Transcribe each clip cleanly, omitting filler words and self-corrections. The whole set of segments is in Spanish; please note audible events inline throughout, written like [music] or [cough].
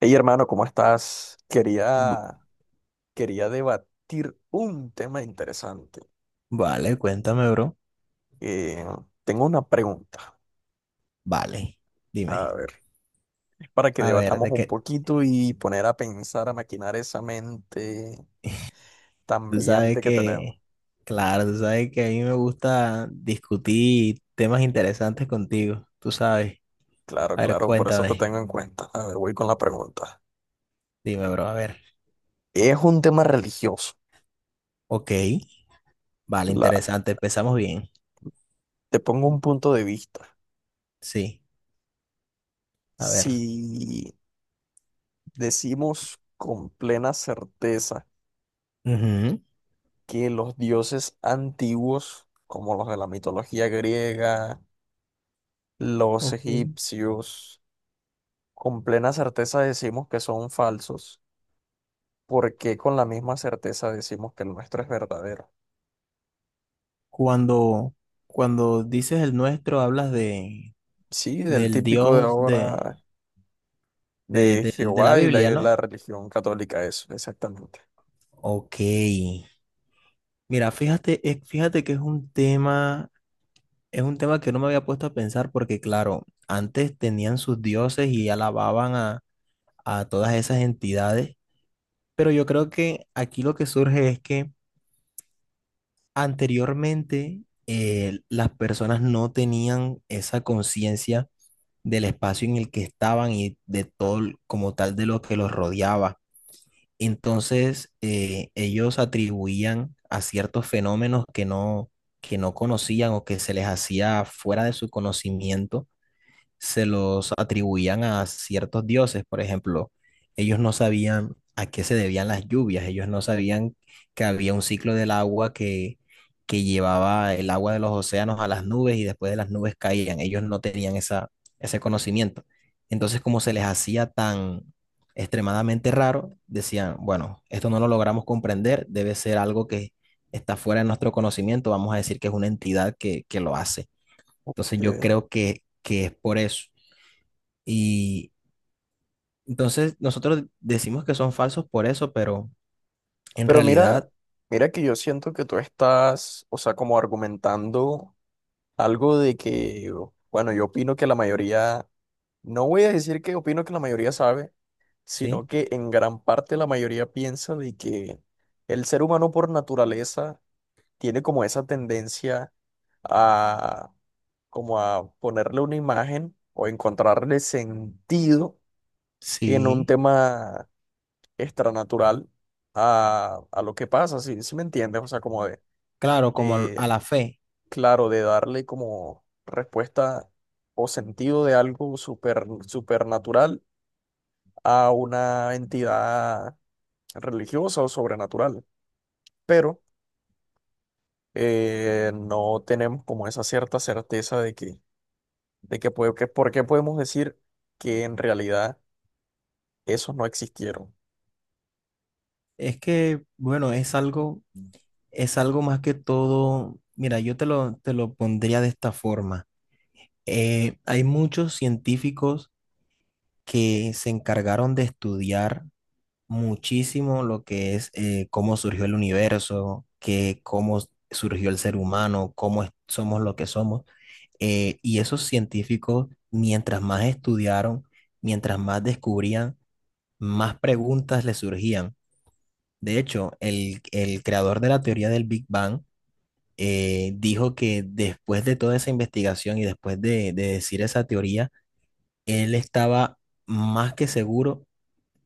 Hey hermano, ¿cómo estás? B- Quería debatir un tema interesante. Vale, cuéntame, bro. Eh, tengo una pregunta, Vale, a dime. ver, para que A ver, debatamos de un que poquito y poner a pensar, a maquinar esa mente tan tú sabes brillante que tenemos. que, claro, tú sabes que a mí me gusta discutir temas interesantes contigo, tú sabes. Claro, A ver, claro, por eso te cuéntame. tengo en cuenta. A ver, voy con la pregunta. Dime, bro, a ver. Es un tema religioso. Ok, vale, La, interesante, empezamos bien. te pongo un punto de vista. Sí, a ver. Si decimos con plena certeza Ujú. que los dioses antiguos, como los de la mitología griega, los Ok. egipcios, con plena certeza decimos que son falsos, ¿porque con la misma certeza decimos que el nuestro es verdadero? Cuando, cuando dices el nuestro, hablas de, Sí, del del típico de Dios de, ahora de de la Jehová y Biblia, y ¿no? la religión católica, eso, exactamente. Ok. Mira, fíjate, fíjate que es un tema que no me había puesto a pensar porque, claro, antes tenían sus dioses y alababan a todas esas entidades, pero yo creo que aquí lo que surge es que anteriormente las personas no tenían esa conciencia del espacio en el que estaban y de todo como tal de lo que los rodeaba. Entonces, ellos atribuían a ciertos fenómenos que no conocían o que se les hacía fuera de su conocimiento se los atribuían a ciertos dioses. Por ejemplo, ellos no sabían a qué se debían las lluvias, ellos no sabían que había un ciclo del agua que llevaba el agua de los océanos a las nubes y después de las nubes caían. Ellos no tenían esa, ese conocimiento. Entonces, como se les hacía tan extremadamente raro, decían, bueno, esto no lo logramos comprender, debe ser algo que está fuera de nuestro conocimiento, vamos a decir que es una entidad que lo hace. Entonces yo Que- creo que es por eso. Y entonces nosotros decimos que son falsos por eso, pero en Pero mira, realidad, mira que yo siento que tú estás, o sea, como argumentando algo de que, bueno, yo opino que la mayoría. No voy a decir que opino que la mayoría sabe, sino sí, que en gran parte la mayoría piensa de que el ser humano por naturaleza tiene como esa tendencia a como a ponerle una imagen o encontrarle sentido en un sí, tema extranatural a lo que pasa, si, si me entiendes, o sea, claro, como eh, a la fe. claro, de darle como respuesta o sentido de algo súper supernatural a una entidad religiosa o sobrenatural, pero no tenemos como esa cierta certeza de que, por qué podemos decir que en realidad esos no existieron. Es que, bueno, es algo más que todo. Mira, yo te lo pondría de esta forma. Hay muchos científicos que se encargaron de estudiar muchísimo lo que es cómo surgió el universo, que cómo surgió el ser humano, somos lo que somos. Y esos científicos, mientras más estudiaron, mientras más descubrían, más preguntas les surgían. De hecho, el creador de la teoría del Big Bang dijo que después de toda esa investigación y después de decir esa teoría, él estaba más que seguro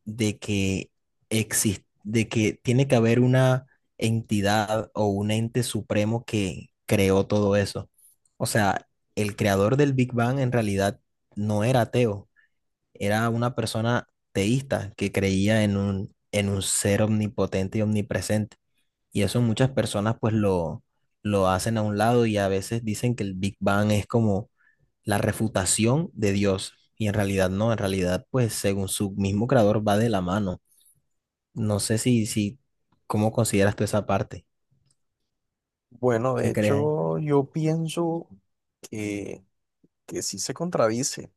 de que existe, de que tiene que haber una entidad o un ente supremo que creó todo eso. O sea, el creador del Big Bang en realidad no era ateo, era una persona teísta que creía en un ser omnipotente y omnipresente. Y eso muchas personas pues lo hacen a un lado y a veces dicen que el Big Bang es como la refutación de Dios. Y en realidad no, en realidad pues según su mismo creador va de la mano. No sé si, si, ¿cómo consideras tú esa parte? Bueno, de ¿Qué crees ahí? hecho, yo pienso que, que sí se contradice,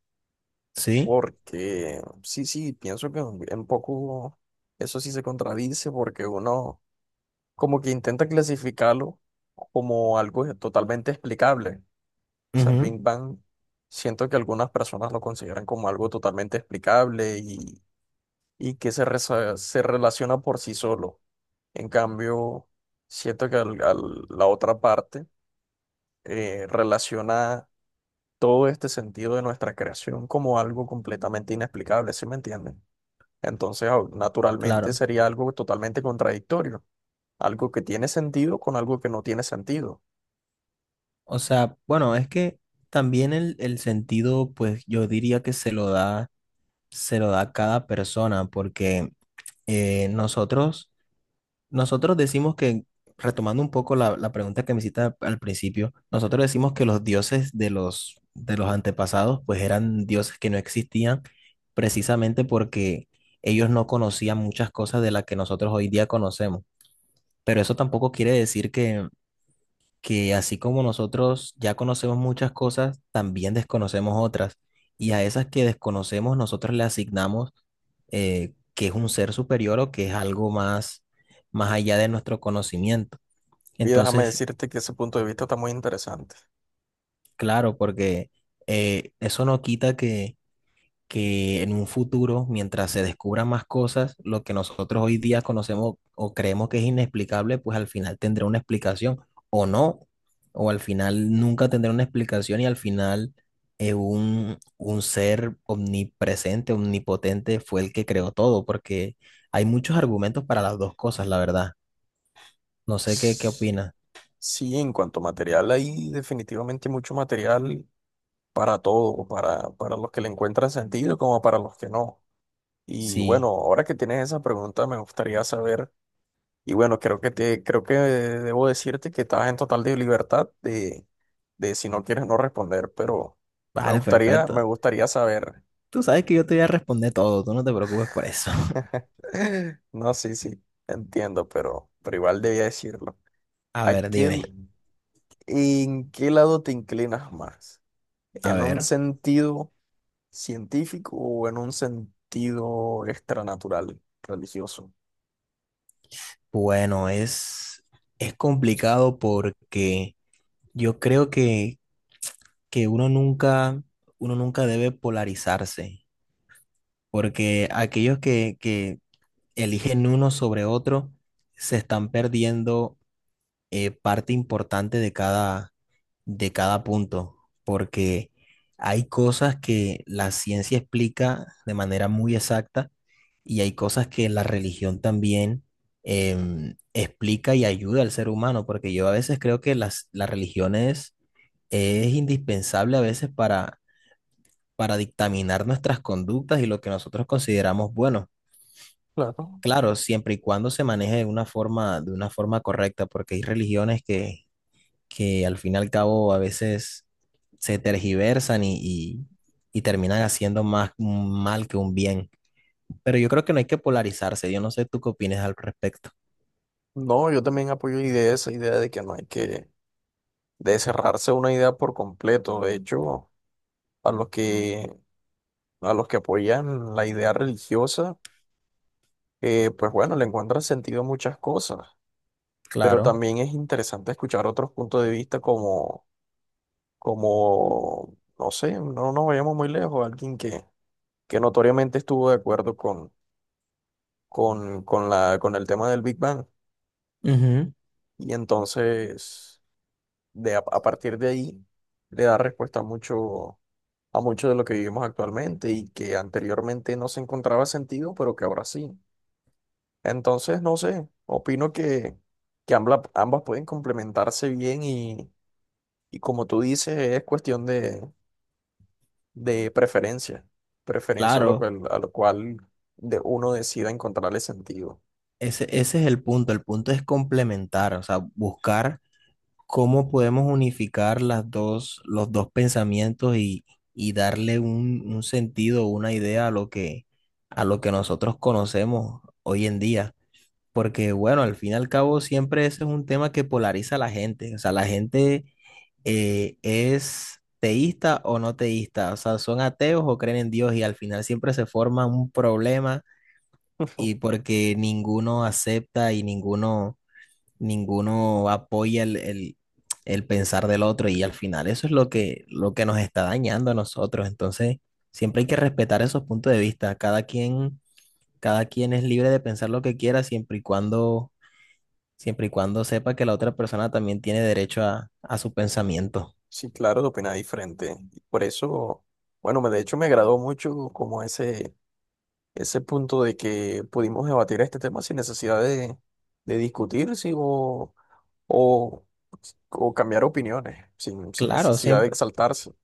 Sí, porque sí, sí, pienso que un poco eso sí se contradice, porque uno como que intenta clasificarlo como algo totalmente explicable. O sea, el ujú. Big Bang, siento que algunas personas lo consideran como algo totalmente explicable y que se relaciona por sí solo. En cambio, siento que la otra parte relaciona todo este sentido de nuestra creación como algo completamente inexplicable, ¿sí me entienden? Entonces, naturalmente Claro. sería algo totalmente contradictorio, algo que tiene sentido con algo que no tiene sentido. O sea, bueno, es que también el sentido, pues yo diría que se lo da cada persona, porque eh, Nosotros decimos que, retomando un poco la pregunta que me hiciste al al principio, nosotros decimos que los dioses de de los antepasados pues eran dioses que no existían precisamente porque ellos no conocían muchas cosas de las que nosotros hoy día conocemos. Pero eso tampoco quiere decir que así como nosotros ya conocemos muchas cosas, también desconocemos otras. Y a esas que desconocemos nosotros le asignamos que es un ser superior o que es algo más, más allá de nuestro conocimiento. Y déjame Entonces, decirte que ese punto de vista está muy interesante. claro, porque eso no quita que en un futuro, mientras se descubran más cosas, lo que nosotros hoy día conocemos o creemos que es inexplicable, pues al final tendrá una explicación o no, o al final nunca tendrá una explicación y al final un ser omnipresente, omnipotente fue el que creó todo, porque hay muchos argumentos para las dos cosas, la verdad. No sé qué, qué S- opinas. Sí, en cuanto a material, hay definitivamente mucho material para todo, para los que le encuentran sentido como para los que no. Y bueno, Sí, ahora que tienes esa pregunta, me gustaría saber. Y bueno, creo que debo decirte que estás en total de libertad de si no quieres no responder, pero vale, me perfecto. gustaría saber. Tú sabes que yo te voy a responder todo, tú no te preocupes por eso. [laughs] [laughs] No, sí, sí, entiendo, pero igual debía decirlo. A ¿A ver, qué l- dime. ¿En qué lado te inclinas más? A ¿En un ver. sentido científico o en un sentido extranatural, religioso? Bueno, es complicado porque yo creo que uno nunca debe polarizarse, porque aquellos que eligen uno sobre otro se están perdiendo parte importante de cada punto, porque hay cosas que la ciencia explica de manera muy exacta y hay cosas que la religión también explica y ayuda al ser humano, porque yo a veces creo que la religión es indispensable a veces para dictaminar nuestras conductas y lo que nosotros consideramos bueno. Claro. Claro, siempre y cuando se maneje de una forma correcta, porque hay religiones que al fin y al cabo a veces se tergiversan y terminan haciendo más un mal que un bien. Pero yo creo que no hay que polarizarse. Yo no sé tú qué opinas al respecto. No, yo también apoyo idea, esa idea de que no hay que de cerrarse a una idea por completo. De hecho, a los que, a los que apoyan la idea religiosa, pues bueno, le encuentran sentido a muchas cosas, pero Claro, también es interesante escuchar otros puntos de vista como, como, no sé, no nos vayamos muy lejos, que notoriamente estuvo de acuerdo con con el tema del Big Bang, ujú, y entonces a partir de ahí le da respuesta a mucho, a mucho de lo que vivimos actualmente y que anteriormente no se encontraba sentido, pero que ahora sí. Entonces, no sé, opino que ambas pueden complementarse bien y como tú dices, es cuestión de preferencia, preferencia claro. A lo cual de uno decida encontrarle sentido. Ese es el punto. El punto es complementar, o sea, buscar cómo podemos unificar las dos, los dos pensamientos y darle un sentido, una idea a lo a lo que nosotros conocemos hoy en día. Porque bueno, al fin y al cabo siempre ese es un tema que polariza a la gente. O sea, la gente es teísta o no teísta. O sea, son ateos o creen en Dios y al final siempre se forma un problema y [laughs] porque ninguno acepta y ninguno, ninguno apoya el, el pensar del otro y al final eso es lo que nos está dañando a nosotros. Entonces, siempre hay que respetar esos puntos de vista. Cada quien es libre de pensar lo que quiera siempre y cuando Siempre y cuando sepa que la otra persona también tiene derecho a su pensamiento. Sí, claro, de opinar diferente. Y por eso, bueno, de hecho me agradó mucho como ese punto de que pudimos debatir este tema sin necesidad de discutir sí, o, o cambiar opiniones, sin, sin Claro, necesidad de siempre. exaltarse.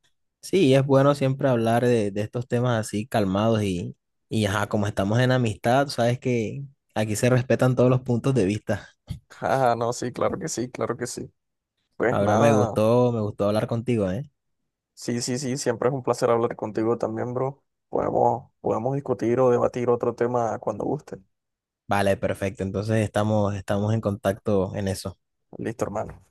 Sí, es bueno siempre hablar de estos temas así calmados y ajá, como estamos en amistad, sabes que aquí se respetan todos los puntos de vista. [laughs] Ah, no, sí, claro que sí, claro que sí. Pues Ahora nada, me gustó hablar contigo, ¿eh? sí, sí, sí, siempre es un placer hablar contigo también, bro. Podemos, podemos discutir o debatir otro tema cuando guste. Vale, perfecto. Entonces estamos, estamos en contacto en eso. Listo, hermano.